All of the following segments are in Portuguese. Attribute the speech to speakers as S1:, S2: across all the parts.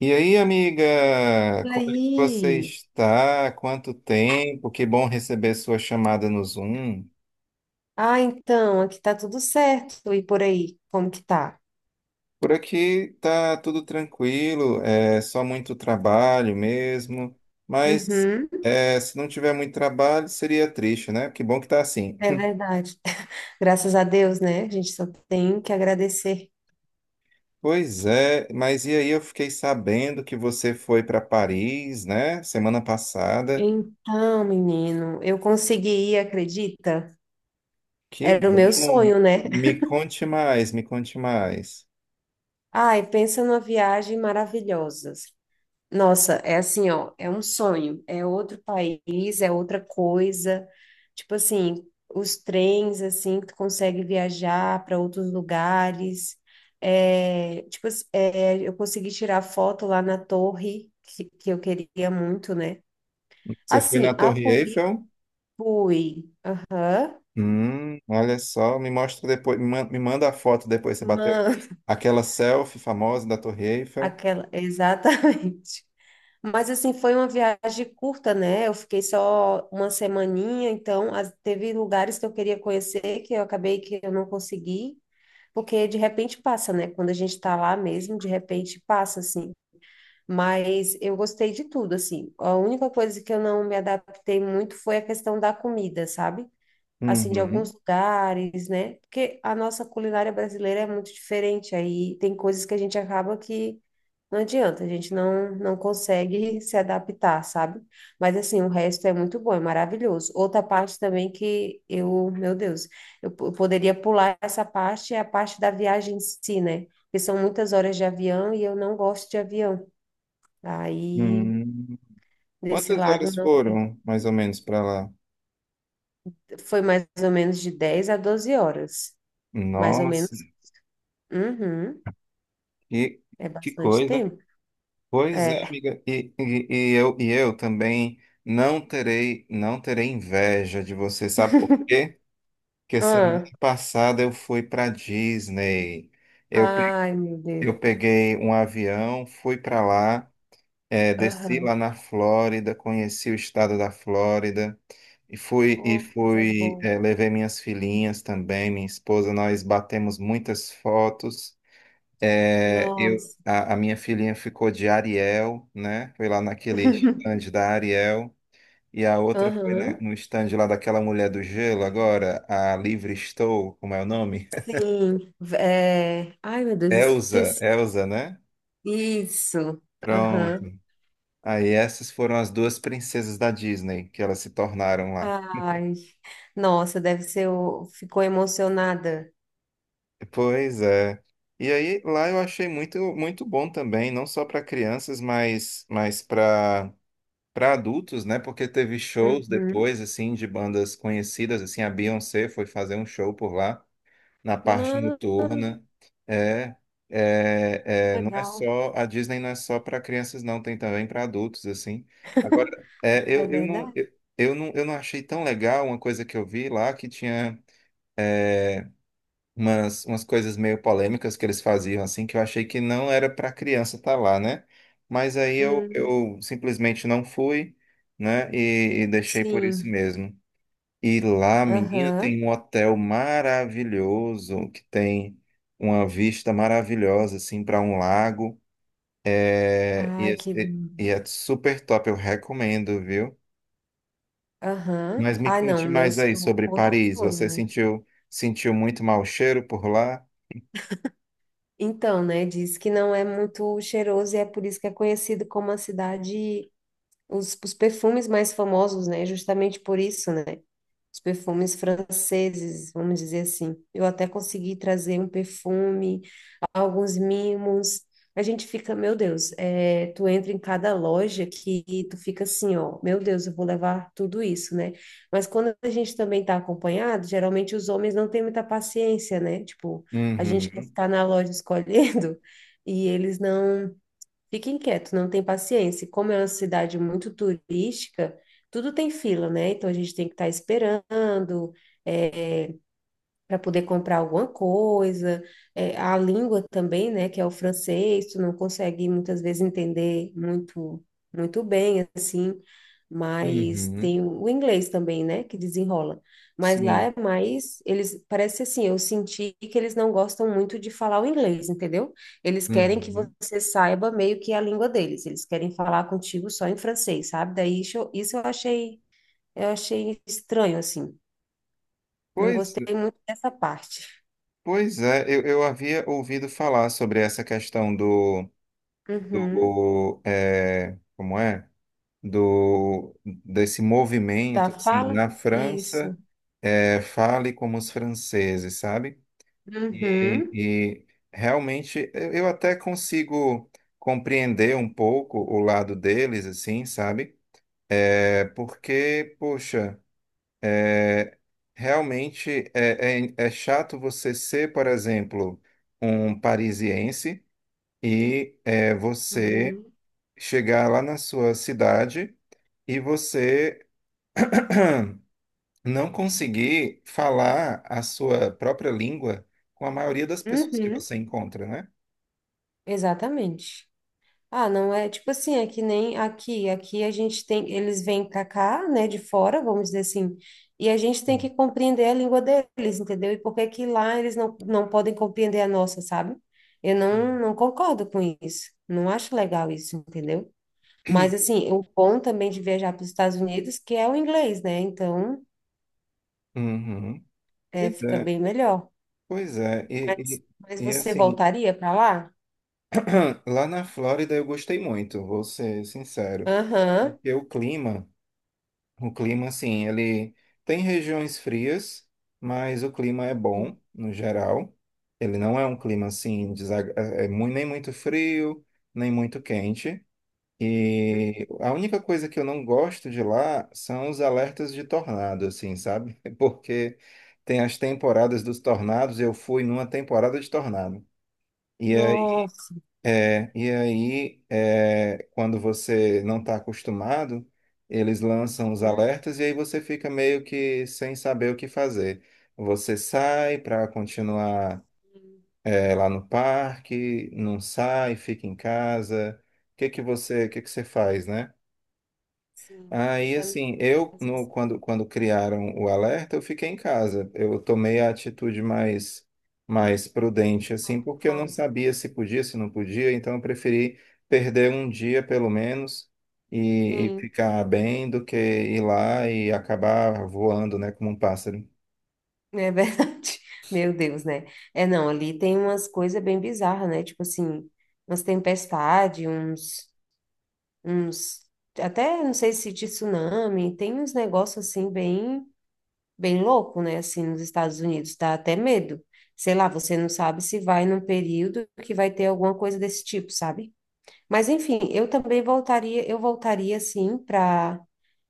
S1: E aí, amiga,
S2: E
S1: como é que você
S2: aí?
S1: está? Quanto tempo? Que bom receber sua chamada no Zoom.
S2: Ah, então, aqui tá tudo certo. E por aí, como que tá?
S1: Por aqui tá tudo tranquilo, é só muito trabalho mesmo. Mas
S2: Uhum,
S1: é, se não tiver muito trabalho, seria triste, né? Que bom que tá assim.
S2: é verdade. Graças a Deus, né? A gente só tem que agradecer.
S1: Pois é, mas e aí eu fiquei sabendo que você foi para Paris, né? Semana passada.
S2: Então, menino, eu consegui ir, acredita?
S1: Que
S2: Era o meu
S1: bom.
S2: sonho,
S1: Me
S2: né?
S1: me conte mais, me conte mais.
S2: Ai, pensa numa viagem maravilhosa. Nossa, é assim, ó, é um sonho, é outro país, é outra coisa. Tipo assim, os trens, assim, que tu consegue viajar para outros lugares. É, tipo, é, eu consegui tirar foto lá na torre, que eu queria muito, né?
S1: Você foi na
S2: Assim, a
S1: Torre
S2: Cumbi
S1: Eiffel?
S2: fui. Aham.
S1: Olha só, me mostra depois, me manda a foto depois, você bateu
S2: Mano,
S1: aquela selfie famosa da Torre Eiffel.
S2: aquela, exatamente. Mas assim, foi uma viagem curta, né? Eu fiquei só uma semaninha, então teve lugares que eu queria conhecer que eu acabei que eu não consegui, porque de repente passa, né? Quando a gente tá lá mesmo, de repente passa, assim. Mas eu gostei de tudo, assim. A única coisa que eu não me adaptei muito foi a questão da comida, sabe? Assim, de
S1: Uhum.
S2: alguns lugares, né? Porque a nossa culinária brasileira é muito diferente, aí tem coisas que a gente acaba que não adianta, a gente não, não consegue se adaptar, sabe? Mas, assim, o resto é muito bom, é maravilhoso. Outra parte também que eu, meu Deus, eu poderia pular essa parte, é a parte da viagem em si, né? Porque são muitas horas de avião e eu não gosto de avião. Aí,
S1: Hum.
S2: desse
S1: Quantas
S2: lado,
S1: horas
S2: não
S1: foram, mais ou menos, para lá?
S2: foi mais ou menos de 10 a 12 horas, mais ou
S1: Nossa,
S2: menos. Uhum.
S1: que,
S2: É
S1: que
S2: bastante
S1: coisa.
S2: tempo?
S1: Pois é,
S2: É.
S1: amiga, e eu também não terei inveja de você, sabe por quê? Porque semana
S2: Ah.
S1: passada eu fui para Disney. Eu, pe-
S2: Ai, meu
S1: eu
S2: Deus.
S1: peguei um avião, fui para lá. É, desci lá
S2: Aham.
S1: na Flórida, conheci o estado da Flórida e
S2: Oh, coisa
S1: fui é,
S2: boa.
S1: levei minhas filhinhas também, minha esposa, nós batemos muitas fotos.
S2: Nossa.
S1: A minha filhinha ficou de Ariel, né? Foi lá naquele stand da Ariel e a outra foi
S2: Aham.
S1: no stand lá daquela mulher do gelo agora, a Livre Estou, como é o nome?
S2: Sim. É. Ai, meu Deus, esqueci.
S1: Elsa, né?
S2: Isso. Aham.
S1: Pronto. Aí essas foram as duas princesas da Disney que elas se tornaram lá.
S2: Ai. Nossa, deve ser. Ficou emocionada.
S1: Pois é. E aí lá eu achei muito muito bom também, não só para crianças, mas para para adultos, né? Porque teve shows
S2: Uhum.
S1: depois assim de bandas conhecidas, assim a Beyoncé foi fazer um show por lá na parte
S2: Não,
S1: noturna. É, é, não é
S2: legal.
S1: só a Disney não é só para crianças não, tem também para adultos assim. Agora, é,
S2: É verdade?
S1: eu não achei tão legal uma coisa que eu vi lá que tinha umas coisas meio polêmicas que eles faziam, assim, que eu achei que não era para criança estar lá, né? Mas aí
S2: Hum,
S1: eu simplesmente não fui, né? E deixei por isso
S2: sim.
S1: mesmo. E lá, menina,
S2: Aham.
S1: tem um hotel maravilhoso, que tem uma vista maravilhosa, assim, para um lago. É, e,
S2: Ai, que.
S1: e é super top, eu recomendo, viu?
S2: Aham.
S1: Mas me
S2: Ai, não,
S1: conte mais aí sobre
S2: outro
S1: Paris.
S2: sonho, né?
S1: Sentiu muito mau cheiro por lá?
S2: Então, né, diz que não é muito cheiroso e é por isso que é conhecido como a cidade, os perfumes mais famosos, né, justamente por isso, né, os perfumes franceses, vamos dizer assim. Eu até consegui trazer um perfume alguns mimos. A gente fica, meu Deus, é, tu entra em cada loja que tu fica assim, ó, meu Deus, eu vou levar tudo isso, né? Mas quando a gente também tá acompanhado, geralmente os homens não têm muita paciência, né? Tipo, a gente quer
S1: Uhum.
S2: ficar na loja escolhendo e eles não ficam quietos, não têm paciência. E como é uma cidade muito turística, tudo tem fila, né? Então a gente tem que estar esperando eh, para poder comprar alguma coisa, é, a língua também, né, que é o francês, tu não consegue muitas vezes entender muito, muito bem, assim, mas
S1: Uhum.
S2: tem o inglês também, né, que desenrola. Mas lá
S1: Sim.
S2: é mais, eles, parece assim, eu senti que eles não gostam muito de falar o inglês, entendeu? Eles querem que
S1: Uhum.
S2: você saiba meio que a língua deles, eles querem falar contigo só em francês, sabe? Daí isso, isso eu achei estranho, assim, não
S1: Pois,
S2: gostei muito dessa parte.
S1: pois é, eu havia ouvido falar sobre essa questão
S2: Uhum.
S1: do é, como é? Desse
S2: Da
S1: movimento, assim,
S2: fala?
S1: na
S2: Isso.
S1: França, é, fale como os franceses, sabe? E,
S2: Uhum.
S1: e realmente eu até consigo compreender um pouco o lado deles, assim, sabe? É porque, poxa. É, Realmente é chato você ser, por exemplo, um parisiense e é, você
S2: Uhum.
S1: chegar lá na sua cidade e você não conseguir falar a sua própria língua com a maioria das pessoas que
S2: Uhum.
S1: você encontra, né?
S2: Exatamente. Ah, não é tipo assim, é que nem aqui, aqui a gente tem, eles vêm pra cá, né, de fora, vamos dizer assim, e a gente tem
S1: Hum.
S2: que compreender a língua deles, entendeu? E por que que lá eles não, não podem compreender a nossa, sabe? Eu não, não concordo com isso, não acho legal isso, entendeu? Mas assim, o bom também de viajar para os Estados Unidos, que é o inglês, né? Então,
S1: Uhum.
S2: é,
S1: Pois
S2: fica
S1: é,
S2: bem melhor.
S1: pois é.
S2: Mas, mas
S1: E
S2: você
S1: assim,
S2: voltaria para lá?
S1: lá na Flórida eu gostei muito, vou ser sincero,
S2: Aham.
S1: porque o clima. O clima, assim, ele tem regiões frias, mas o clima é bom, no geral. Ele não é um clima, assim, é nem muito frio, nem muito quente.
S2: Uhum.
S1: E a única coisa que eu não gosto de lá são os alertas de tornado, assim, sabe? Porque tem as temporadas dos tornados, eu fui numa temporada de tornado. E
S2: Nossa.
S1: é, e aí, é, quando você não está acostumado, eles lançam os
S2: Uhum.
S1: alertas e aí você fica meio que sem saber o que fazer. Você sai para continuar,
S2: Sim,
S1: é, lá no parque, não sai, fica em casa. O que que você faz, né?
S2: sim,
S1: Aí,
S2: fica nessa,
S1: assim,
S2: né?
S1: eu, no,
S2: Sensação
S1: quando criaram o alerta, eu fiquei em casa. Eu tomei a atitude mais prudente, assim, porque eu não
S2: cautelosa.
S1: sabia se podia, se não podia, então eu preferi perder um dia, pelo menos, e
S2: Sim,
S1: ficar bem, do que ir lá e acabar voando, né, como um pássaro.
S2: é verdade. Meu Deus, né? É, não, ali tem umas coisas bem bizarras, né? Tipo assim, umas tempestades, uns, até não sei se de tsunami, tem uns negócios assim bem. Bem louco, né? Assim, nos Estados Unidos, dá até medo. Sei lá, você não sabe se vai num período que vai ter alguma coisa desse tipo, sabe? Mas enfim, eu também voltaria, eu voltaria sim para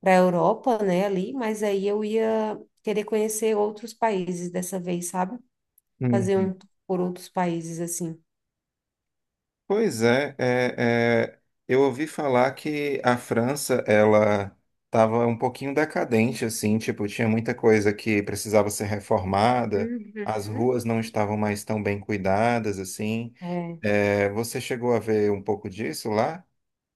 S2: para Europa, né, ali, mas aí eu ia querer conhecer outros países dessa vez, sabe? Fazer um tour por outros países assim.
S1: Pois é, é, é, eu ouvi falar que a França, ela estava um pouquinho decadente, assim, tipo, tinha muita coisa que precisava ser reformada, as
S2: Uhum.
S1: ruas não estavam mais tão bem cuidadas, assim.
S2: É.
S1: É, você chegou a ver um pouco disso lá?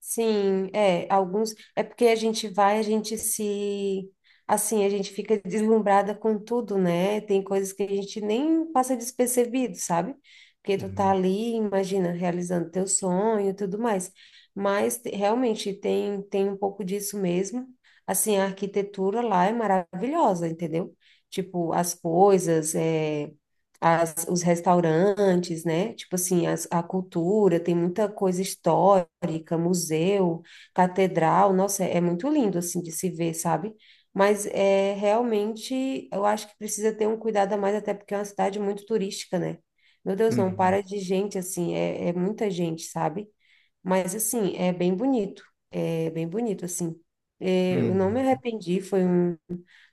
S2: Sim, é, alguns, é porque a gente vai, a gente se, assim, a gente fica deslumbrada com tudo, né? Tem coisas que a gente nem passa despercebido, sabe? Porque tu tá
S1: Uhum,
S2: ali, imagina, realizando teu sonho e tudo mais. Mas realmente tem um pouco disso mesmo. Assim, a arquitetura lá é maravilhosa, entendeu? Tipo, as coisas, é os restaurantes, né? Tipo assim, a cultura, tem muita coisa histórica, museu, catedral, nossa, é, é muito lindo assim de se ver, sabe? Mas é realmente, eu acho que precisa ter um cuidado a mais, até porque é uma cidade muito turística, né? Meu Deus, não
S1: uhum,
S2: para de gente assim, é, é muita gente, sabe? Mas, assim, é bem bonito. É bem bonito, assim. É, eu não me
S1: uhum,
S2: arrependi, foi um,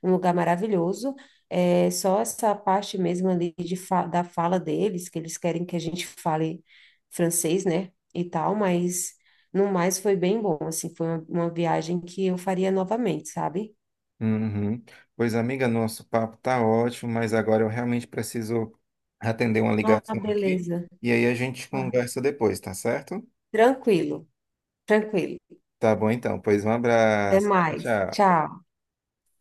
S2: um lugar maravilhoso. É, só essa parte mesmo ali da fala deles, que eles querem que a gente fale francês, né? E tal, mas no mais foi bem bom, assim. Foi uma viagem que eu faria novamente, sabe?
S1: uhum. Pois, amiga, nosso papo tá ótimo, mas agora eu realmente preciso atender uma
S2: Ah,
S1: ligação aqui,
S2: beleza.
S1: e aí a gente
S2: Aham.
S1: conversa depois, tá certo?
S2: Tranquilo, tranquilo.
S1: Tá bom então, pois um
S2: Até
S1: abraço. Tchau,
S2: mais.
S1: tchau.
S2: Tchau.